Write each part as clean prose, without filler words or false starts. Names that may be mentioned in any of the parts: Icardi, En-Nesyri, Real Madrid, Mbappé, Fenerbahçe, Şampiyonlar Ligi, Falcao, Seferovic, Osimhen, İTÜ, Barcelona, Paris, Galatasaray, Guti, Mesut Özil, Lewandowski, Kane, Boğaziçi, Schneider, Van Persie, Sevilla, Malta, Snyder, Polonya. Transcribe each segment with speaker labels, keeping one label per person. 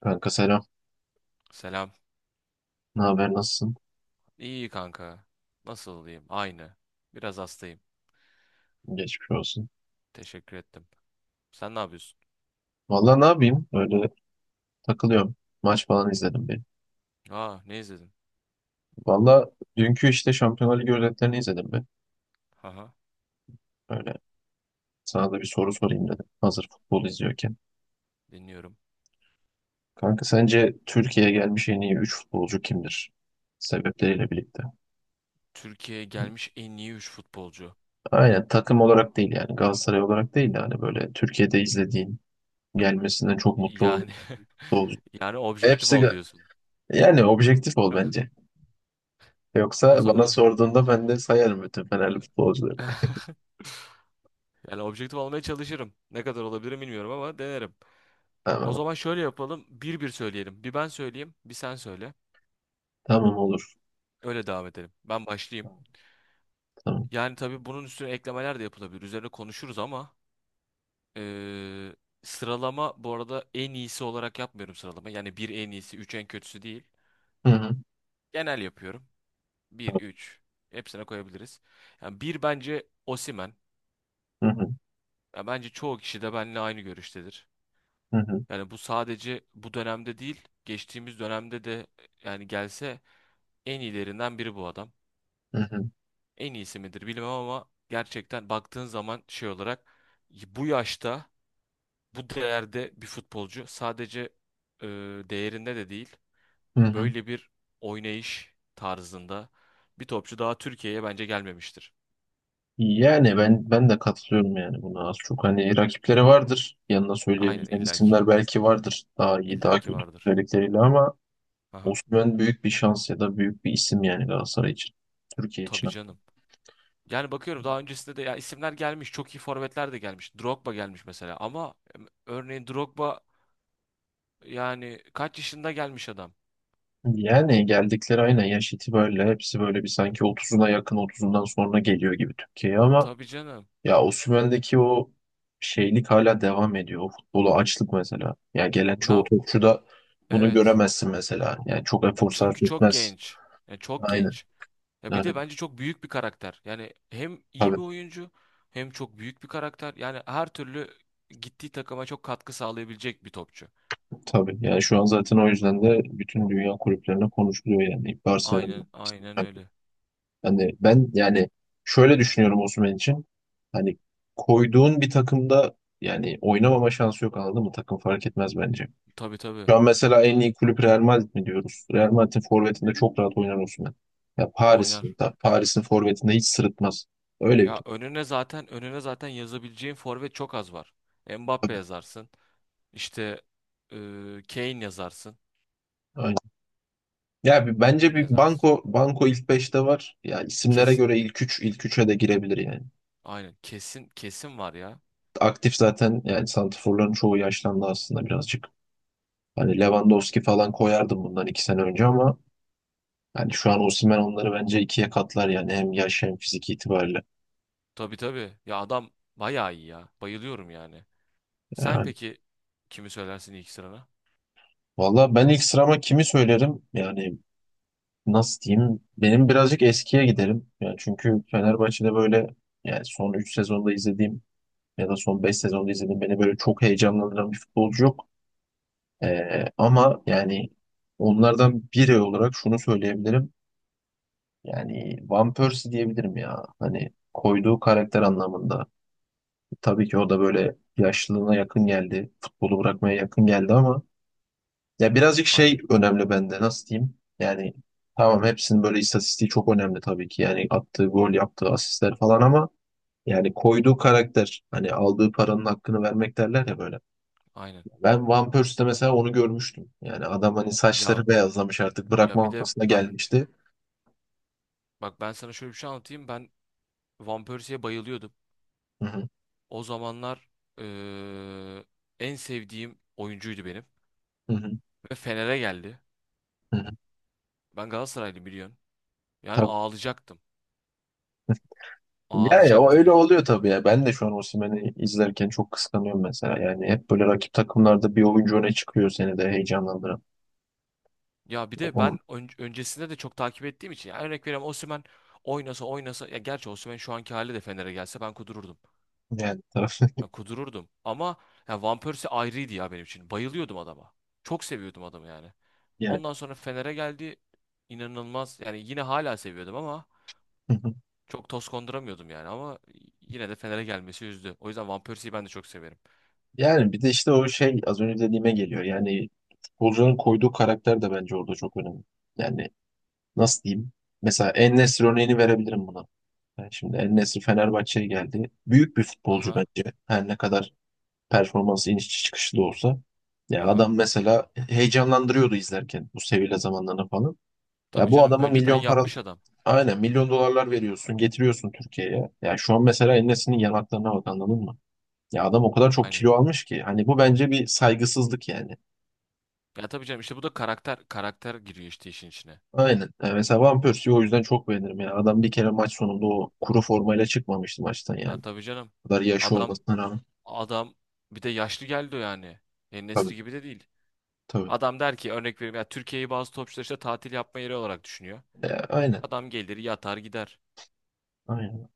Speaker 1: Kanka selam.
Speaker 2: Selam.
Speaker 1: Ne haber nasılsın?
Speaker 2: İyi kanka. Nasıl olayım? Aynı. Biraz hastayım.
Speaker 1: Geçmiş olsun.
Speaker 2: Teşekkür ettim. Sen ne yapıyorsun?
Speaker 1: Valla ne yapayım? Öyle takılıyorum. Maç falan izledim bir.
Speaker 2: Aa, ne izledin?
Speaker 1: Valla dünkü işte Şampiyonlar Ligi özetlerini izledim bir.
Speaker 2: Haha,
Speaker 1: Öyle sana da bir soru sorayım dedim. Hazır futbol izliyorken.
Speaker 2: dinliyorum.
Speaker 1: Kanka sence Türkiye'ye gelmiş en iyi 3 futbolcu kimdir? Sebepleriyle birlikte.
Speaker 2: Türkiye'ye gelmiş en iyi 3 futbolcu.
Speaker 1: Aynen takım olarak değil yani. Galatasaray olarak değil de hani böyle Türkiye'de izlediğin gelmesinden çok mutlu olduğun
Speaker 2: Yani
Speaker 1: futbolcu.
Speaker 2: yani objektif
Speaker 1: Hepsi
Speaker 2: ol
Speaker 1: ga-
Speaker 2: diyorsun.
Speaker 1: Yani objektif ol bence.
Speaker 2: O
Speaker 1: Yoksa bana
Speaker 2: zaman
Speaker 1: sorduğunda ben de sayarım bütün Fenerli futbolcuları.
Speaker 2: yani objektif olmaya çalışırım. Ne kadar olabilirim bilmiyorum ama denerim. O
Speaker 1: Tamam.
Speaker 2: zaman şöyle yapalım. Bir bir söyleyelim. Bir ben söyleyeyim, bir sen söyle.
Speaker 1: Tamam olur.
Speaker 2: Öyle devam edelim. Ben başlayayım.
Speaker 1: Tamam.
Speaker 2: Yani tabii bunun üstüne eklemeler de yapılabilir. Üzerine konuşuruz ama Ee, sıralama bu arada en iyisi olarak yapmıyorum sıralama. Yani bir en iyisi, üç en kötüsü değil.
Speaker 1: Hı hı.
Speaker 2: Genel yapıyorum. Bir,
Speaker 1: Tamam.
Speaker 2: üç. Hepsine koyabiliriz. Yani bir bence Osimhen.
Speaker 1: Hı hı.
Speaker 2: Ya bence çoğu kişi de benimle aynı görüştedir.
Speaker 1: Hı hı.
Speaker 2: Yani bu sadece bu dönemde değil, geçtiğimiz dönemde de yani gelse en iyilerinden biri bu adam.
Speaker 1: Hı hı.
Speaker 2: En iyisi midir bilmem ama gerçekten baktığın zaman şey olarak bu yaşta bu değerde bir futbolcu sadece e, değerinde de değil.
Speaker 1: Hı hı.
Speaker 2: Böyle bir oynayış tarzında bir topçu daha Türkiye'ye bence gelmemiştir.
Speaker 1: Yani ben de katılıyorum yani buna az çok hani rakipleri vardır. Yanına
Speaker 2: Aynen
Speaker 1: söyleyebileceğin
Speaker 2: illaki.
Speaker 1: isimler belki vardır. Daha iyi, daha
Speaker 2: İllaki
Speaker 1: kötü
Speaker 2: vardır.
Speaker 1: özellikleriyle ama.
Speaker 2: Aha.
Speaker 1: Osimhen büyük bir şans ya da büyük bir isim yani Galatasaray için. Türkiye için.
Speaker 2: Tabii canım. Yani bakıyorum daha öncesinde de ya isimler gelmiş. Çok iyi forvetler de gelmiş. Drogba gelmiş mesela ama örneğin Drogba yani kaç yaşında gelmiş adam?
Speaker 1: Yani geldikleri aynen yaş itibariyle hepsi böyle bir sanki otuzuna yakın otuzundan sonra geliyor gibi Türkiye'ye ama.
Speaker 2: Tabii canım.
Speaker 1: Ya Osimhen'deki o şeylik hala devam ediyor. O futbolu açlık mesela. Ya gelen çoğu
Speaker 2: Ya
Speaker 1: topçuda bunu
Speaker 2: evet.
Speaker 1: göremezsin mesela. Yani çok efor
Speaker 2: Çünkü
Speaker 1: sarf
Speaker 2: çok
Speaker 1: etmez.
Speaker 2: genç. Yani çok
Speaker 1: Aynen.
Speaker 2: genç. Ya bir
Speaker 1: Yani
Speaker 2: de bence çok büyük bir karakter. Yani hem iyi bir
Speaker 1: tabii
Speaker 2: oyuncu hem çok büyük bir karakter. Yani her türlü gittiği takıma çok katkı sağlayabilecek bir topçu.
Speaker 1: tabii. Yani şu an zaten o yüzden de bütün dünya kulüplerine konuşuluyor yani Barcelona.
Speaker 2: Aynen, aynen öyle.
Speaker 1: Hani ben yani şöyle düşünüyorum Osimhen için. Hani koyduğun bir takımda yani oynamama şansı yok, anladın mı? Takım fark etmez bence.
Speaker 2: Tabii tabii.
Speaker 1: Şu an mesela en iyi kulüp Real Madrid mi diyoruz? Real Madrid'in forvetinde çok rahat oynar Osimhen. Ya
Speaker 2: Oynar.
Speaker 1: Paris'in forvetinde hiç sırıtmaz. Öyle bir
Speaker 2: Ya
Speaker 1: top.
Speaker 2: önüne zaten yazabileceğin forvet çok az var. Mbappe
Speaker 1: Tabii.
Speaker 2: yazarsın. İşte e, Kane yazarsın.
Speaker 1: Aynen. Ya bence
Speaker 2: Kim
Speaker 1: bir
Speaker 2: yazarsın?
Speaker 1: Banko Banko ilk beşte var. Ya isimlere
Speaker 2: Kesin.
Speaker 1: göre ilk 3, ilk 3'e de girebilir yani.
Speaker 2: Aynen. Kesin kesin var ya.
Speaker 1: Aktif zaten yani santraforların çoğu yaşlandı aslında birazcık. Hani Lewandowski falan koyardım bundan 2 sene önce ama yani şu an Osimhen onları bence ikiye katlar yani hem yaş hem fizik itibariyle.
Speaker 2: Tabii tabii. Ya adam bayağı iyi ya. Bayılıyorum yani. Sen
Speaker 1: Yani.
Speaker 2: peki kimi söylersin ilk sırana?
Speaker 1: Valla ben ilk sırama kimi söylerim? Yani nasıl diyeyim benim birazcık eskiye giderim. Yani çünkü Fenerbahçe'de böyle yani son 3 sezonda izlediğim ya da son 5 sezonda izlediğim beni böyle çok heyecanlandıran bir futbolcu yok. Ama yani onlardan biri olarak şunu söyleyebilirim. Yani Van Persie diyebilirim ya. Hani koyduğu karakter anlamında. Tabii ki o da böyle yaşlılığına yakın geldi. Futbolu bırakmaya yakın geldi ama. Ya birazcık şey
Speaker 2: Aynen.
Speaker 1: önemli bende, nasıl diyeyim? Yani tamam hepsinin böyle istatistiği çok önemli tabii ki. Yani attığı gol, yaptığı asistler falan ama yani koyduğu karakter hani aldığı paranın hakkını vermek derler ya böyle.
Speaker 2: Aynen.
Speaker 1: Ben Van Persie'de mesela onu görmüştüm. Yani adam hani
Speaker 2: Ya
Speaker 1: saçları beyazlamış artık
Speaker 2: ya
Speaker 1: bırakma
Speaker 2: bir de
Speaker 1: noktasına
Speaker 2: ben
Speaker 1: gelmişti.
Speaker 2: bak ben sana şöyle bir şey anlatayım. Ben Van Persie'ye bayılıyordum.
Speaker 1: Hı hı,
Speaker 2: O zamanlar eee, en sevdiğim oyuncuydu benim.
Speaker 1: hı hı,
Speaker 2: Ve Fener'e geldi.
Speaker 1: hı hı.
Speaker 2: Ben Galatasaraylı biliyorsun. Yani
Speaker 1: Tabii.
Speaker 2: ağlayacaktım.
Speaker 1: Ya, o
Speaker 2: Ağlayacaktım
Speaker 1: öyle
Speaker 2: yani.
Speaker 1: oluyor tabii ya. Ben de şu an Osimhen'i izlerken çok kıskanıyorum mesela. Yani hep böyle rakip takımlarda bir oyuncu öne çıkıyor seni de heyecanlandıran.
Speaker 2: Ya bir de
Speaker 1: Onun
Speaker 2: ben öncesinde de çok takip ettiğim için. Yani örnek veriyorum Osimhen oynasa oynasa. Ya gerçi Osimhen şu anki hali de Fener'e gelse ben kudururdum.
Speaker 1: yani taraf
Speaker 2: Ben kudururdum. Ama ya Van Persie ayrıydı ya benim için. Bayılıyordum adama. Çok seviyordum adamı yani.
Speaker 1: yani.
Speaker 2: Ondan sonra Fener'e geldi. İnanılmaz. Yani yine hala seviyordum ama çok toz konduramıyordum yani. Ama yine de Fener'e gelmesi üzdü. O yüzden Van Persie'yi ben de çok severim.
Speaker 1: Yani bir de işte o şey az önce dediğime geliyor. Yani futbolcunun koyduğu karakter de bence orada çok önemli. Yani nasıl diyeyim? Mesela En-Nesyri örneğini verebilirim buna. Yani şimdi En-Nesyri Fenerbahçe'ye geldi. Büyük bir futbolcu
Speaker 2: Aha,
Speaker 1: bence. Her ne kadar performansı iniş çıkışlı da olsa. Ya
Speaker 2: aha.
Speaker 1: adam mesela heyecanlandırıyordu izlerken bu Sevilla zamanlarında falan. Ya
Speaker 2: Tabii
Speaker 1: bu
Speaker 2: canım
Speaker 1: adama
Speaker 2: önceden
Speaker 1: milyon para
Speaker 2: yapmış adam.
Speaker 1: aynen milyon dolarlar veriyorsun, getiriyorsun Türkiye'ye. Ya şu an mesela En-Nesyri'nin yanaklarına bak, anladın mı? Ya adam o kadar çok
Speaker 2: Aynen.
Speaker 1: kilo almış ki. Hani bu bence bir saygısızlık yani.
Speaker 2: Ya tabii canım işte bu da karakter karakter giriyor işte işin içine.
Speaker 1: Aynen. Yani mesela Van Persie'yi o yüzden çok beğenirim ya. Adam bir kere maç sonunda o kuru formayla çıkmamıştı maçtan
Speaker 2: Ya
Speaker 1: yani.
Speaker 2: tabii canım.
Speaker 1: O kadar yaşı
Speaker 2: Adam
Speaker 1: olmasına rağmen.
Speaker 2: adam bir de yaşlı geldi o yani. En
Speaker 1: Tabii
Speaker 2: Nesri gibi de değil.
Speaker 1: tabii.
Speaker 2: Adam der ki örnek veriyorum ya Türkiye'yi bazı topçular işte tatil yapma yeri olarak düşünüyor.
Speaker 1: Aynen.
Speaker 2: Adam gelir yatar gider.
Speaker 1: Aynen.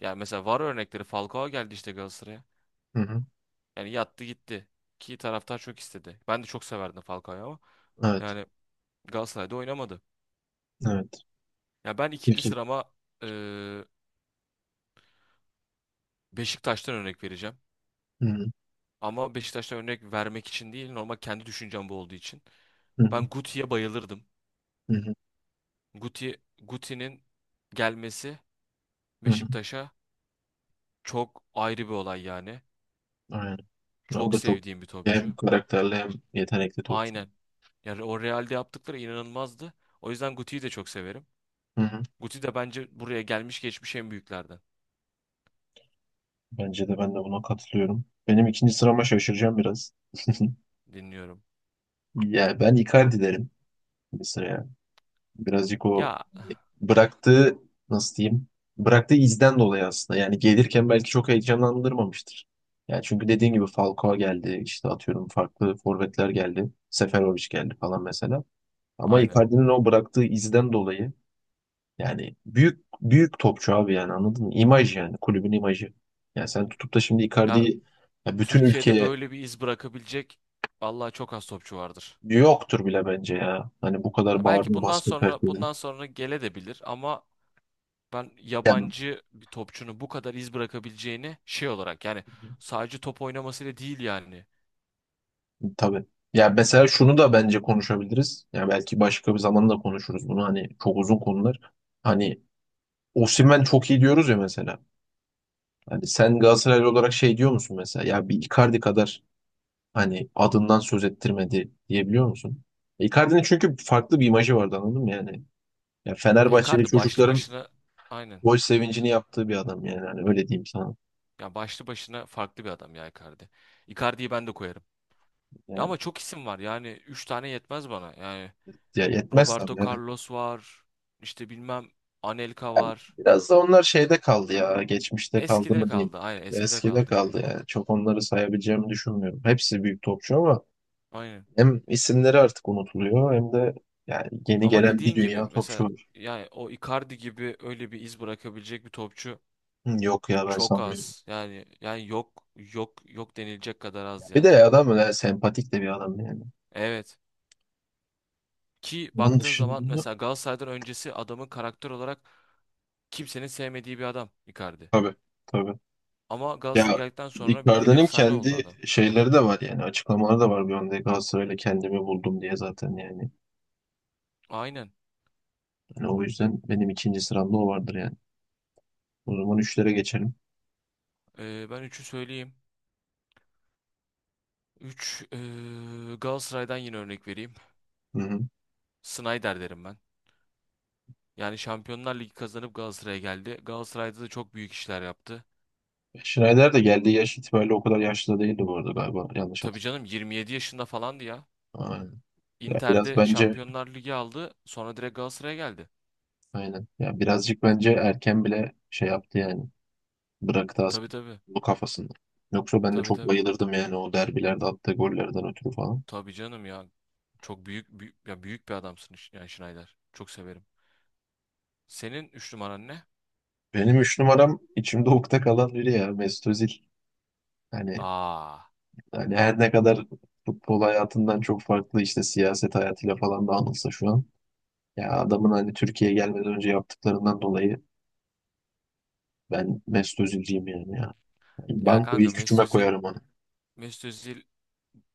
Speaker 2: Yani mesela var örnekleri Falcao geldi işte Galatasaray'a.
Speaker 1: Hı hı.
Speaker 2: Yani yattı gitti. Ki taraftar çok istedi. Ben de çok severdim Falcao'yu ama
Speaker 1: Evet.
Speaker 2: yani Galatasaray'da oynamadı.
Speaker 1: Evet.
Speaker 2: Ya ben ikinci
Speaker 1: Peki.
Speaker 2: sırama eee, Beşiktaş'tan örnek vereceğim.
Speaker 1: Hı hı.
Speaker 2: Ama Beşiktaş'tan örnek vermek için değil normal kendi düşüncem bu olduğu için.
Speaker 1: Hı hı.
Speaker 2: Ben Guti'ye bayılırdım.
Speaker 1: Hı hı.
Speaker 2: Guti'nin gelmesi
Speaker 1: Hı hı.
Speaker 2: Beşiktaş'a çok ayrı bir olay yani.
Speaker 1: Aynen. Ya o
Speaker 2: Çok
Speaker 1: da çok
Speaker 2: sevdiğim bir topçu.
Speaker 1: hem karakterli hem yetenekli topçu.
Speaker 2: Aynen. Yani o Real'de yaptıkları inanılmazdı. O yüzden Guti'yi de çok severim.
Speaker 1: Hı hı.
Speaker 2: Guti de bence buraya gelmiş geçmiş en büyüklerden.
Speaker 1: Bence de ben de buna katılıyorum. Benim ikinci sırama şaşıracağım biraz.
Speaker 2: Dinliyorum.
Speaker 1: Ya ben Icardi derim bir sıraya. Birazcık o
Speaker 2: Ya
Speaker 1: bıraktığı, nasıl diyeyim, bıraktığı izden dolayı aslında yani gelirken belki çok heyecanlandırmamıştır. Yani çünkü dediğin gibi Falcao geldi işte atıyorum farklı forvetler geldi. Seferovic geldi falan mesela. Ama
Speaker 2: aynen.
Speaker 1: Icardi'nin o bıraktığı izden dolayı yani büyük büyük topçu abi yani, anladın mı? İmaj yani kulübün imajı. Yani sen tutup da şimdi
Speaker 2: Ya
Speaker 1: Icardi'yi ya bütün
Speaker 2: Türkiye'de
Speaker 1: ülkeye
Speaker 2: böyle bir iz bırakabilecek vallahi çok az topçu vardır.
Speaker 1: yoktur bile bence ya. Hani bu kadar
Speaker 2: Ya belki
Speaker 1: bağırdın
Speaker 2: bundan
Speaker 1: basket
Speaker 2: sonra
Speaker 1: herkesin.
Speaker 2: bundan sonra gele de bilir ama ben
Speaker 1: Yani
Speaker 2: yabancı bir topçunun bu kadar iz bırakabileceğini şey olarak yani sadece top oynamasıyla değil yani.
Speaker 1: tabii. Ya mesela şunu da bence konuşabiliriz. Ya belki başka bir zaman da konuşuruz bunu. Hani çok uzun konular. Hani Osimhen çok iyi diyoruz ya mesela. Hani sen Galatasaraylı olarak şey diyor musun mesela? Ya bir Icardi kadar hani adından söz ettirmedi diyebiliyor musun? Icardi'nin çünkü farklı bir imajı vardı, anladın mı yani? Ya
Speaker 2: Ya
Speaker 1: Fenerbahçeli
Speaker 2: Icardi başlı
Speaker 1: çocukların
Speaker 2: başına aynen.
Speaker 1: gol sevincini yaptığı bir adam yani. Hani öyle diyeyim sana.
Speaker 2: Ya başlı başına farklı bir adam ya Icardi. Icardi'yi ben de koyarım. Ya
Speaker 1: Yani
Speaker 2: ama çok isim var yani 3 tane yetmez bana. Yani
Speaker 1: ya yetmez
Speaker 2: Roberto
Speaker 1: tabii.
Speaker 2: Carlos var. İşte bilmem Anelka var.
Speaker 1: Biraz da onlar şeyde kaldı ya. Geçmişte kaldı
Speaker 2: Eskide
Speaker 1: mı diyeyim.
Speaker 2: kaldı. Aynen eskide
Speaker 1: Eskide
Speaker 2: kaldı.
Speaker 1: kaldı yani. Çok onları sayabileceğimi düşünmüyorum. Hepsi büyük topçu ama
Speaker 2: Aynen.
Speaker 1: hem isimleri artık unutuluyor hem de yani yeni
Speaker 2: Ama
Speaker 1: gelen bir
Speaker 2: dediğin gibi
Speaker 1: dünya topçu
Speaker 2: mesela
Speaker 1: var.
Speaker 2: yani o Icardi gibi öyle bir iz bırakabilecek bir topçu
Speaker 1: Hı, yok ya ben
Speaker 2: çok
Speaker 1: sanmıyorum.
Speaker 2: az. Yani yok yok yok denilecek kadar az
Speaker 1: Bir de
Speaker 2: yani.
Speaker 1: adam öyle sempatik de bir adam yani.
Speaker 2: Evet. Ki
Speaker 1: Onun
Speaker 2: baktığın zaman
Speaker 1: dışında
Speaker 2: mesela Galatasaray'dan öncesi adamın karakter olarak kimsenin sevmediği bir adam Icardi.
Speaker 1: tabii tabii.
Speaker 2: Ama
Speaker 1: Ya
Speaker 2: Galatasaray geldikten sonra bildiğin
Speaker 1: Icardi'nin
Speaker 2: efsane oldu
Speaker 1: kendi
Speaker 2: adam.
Speaker 1: şeyleri de var yani, açıklamaları da var, bir anda Galatasaray'la kendimi buldum diye zaten yani.
Speaker 2: Aynen.
Speaker 1: Yani o yüzden benim ikinci sıramda o vardır yani. O zaman üçlere geçelim.
Speaker 2: Ben üçü söyleyeyim. 3 Galatasaray'dan yine örnek vereyim.
Speaker 1: Hı hı.
Speaker 2: Snyder derim ben. Yani Şampiyonlar Ligi kazanıp Galatasaray'a geldi. Galatasaray'da da çok büyük işler yaptı.
Speaker 1: Schneider de geldiği yaş itibariyle o kadar yaşlı da değildi bu arada galiba. Yanlış
Speaker 2: Tabii
Speaker 1: hatırlamıyorum.
Speaker 2: canım 27 yaşında falandı ya.
Speaker 1: Aynen. Ya biraz
Speaker 2: Inter'de
Speaker 1: bence
Speaker 2: Şampiyonlar Ligi aldı. Sonra direkt Galatasaray'a geldi.
Speaker 1: aynen. Ya birazcık bence erken bile şey yaptı yani. Bıraktı
Speaker 2: Tabii
Speaker 1: aslında
Speaker 2: tabii.
Speaker 1: bu kafasında. Yoksa ben de
Speaker 2: Tabii
Speaker 1: çok
Speaker 2: tabii.
Speaker 1: bayılırdım yani o derbilerde attığı gollerden ötürü falan.
Speaker 2: Tabii canım ya. Çok büyük, büyük ya büyük bir adamsın yani Snyder. Çok severim. Senin 3 numaran ne?
Speaker 1: Benim üç numaram içimde ukde kalan biri, ya Mesut Özil. Hani,
Speaker 2: Aa.
Speaker 1: hani her ne kadar futbol hayatından çok farklı işte siyaset hayatıyla falan da anılsa şu an. Ya adamın hani Türkiye'ye gelmeden önce yaptıklarından dolayı ben Mesut Özil'ciyim yani.
Speaker 2: Ya
Speaker 1: Banko
Speaker 2: kanka
Speaker 1: ilk
Speaker 2: Mesut
Speaker 1: üçüme
Speaker 2: Özil
Speaker 1: koyarım onu.
Speaker 2: Mesut Özil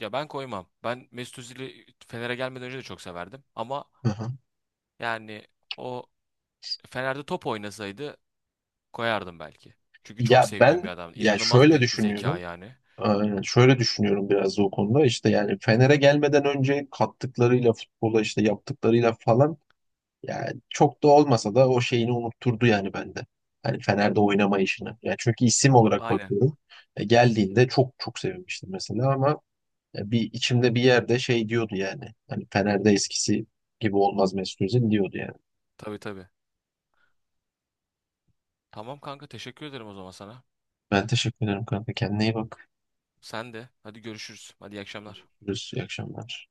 Speaker 2: ya ben koymam. Ben Mesut Özil'i Fener'e gelmeden önce de çok severdim. Ama
Speaker 1: Aha.
Speaker 2: yani o Fener'de top oynasaydı koyardım belki. Çünkü çok
Speaker 1: Ya
Speaker 2: sevdiğim bir
Speaker 1: ben
Speaker 2: adam.
Speaker 1: ya
Speaker 2: İnanılmaz
Speaker 1: şöyle
Speaker 2: bir zeka
Speaker 1: düşünüyorum.
Speaker 2: yani.
Speaker 1: Şöyle düşünüyorum biraz da o konuda. İşte yani Fener'e gelmeden önce kattıklarıyla futbola işte yaptıklarıyla falan yani çok da olmasa da o şeyini unutturdu yani bende. Hani Fener'de oynama işini. Yani çünkü isim olarak
Speaker 2: Aynen.
Speaker 1: bakıyorum. Geldiğinde çok çok sevinmiştim mesela ama bir içimde bir yerde şey diyordu yani. Hani Fener'de eskisi gibi olmaz Mesut Özil diyordu yani.
Speaker 2: Tabii tabii. Tamam kanka teşekkür ederim o zaman sana.
Speaker 1: Ben teşekkür ederim kanka. Kendine iyi bak.
Speaker 2: Sen de. Hadi görüşürüz. Hadi iyi akşamlar.
Speaker 1: Görüşürüz. İyi akşamlar.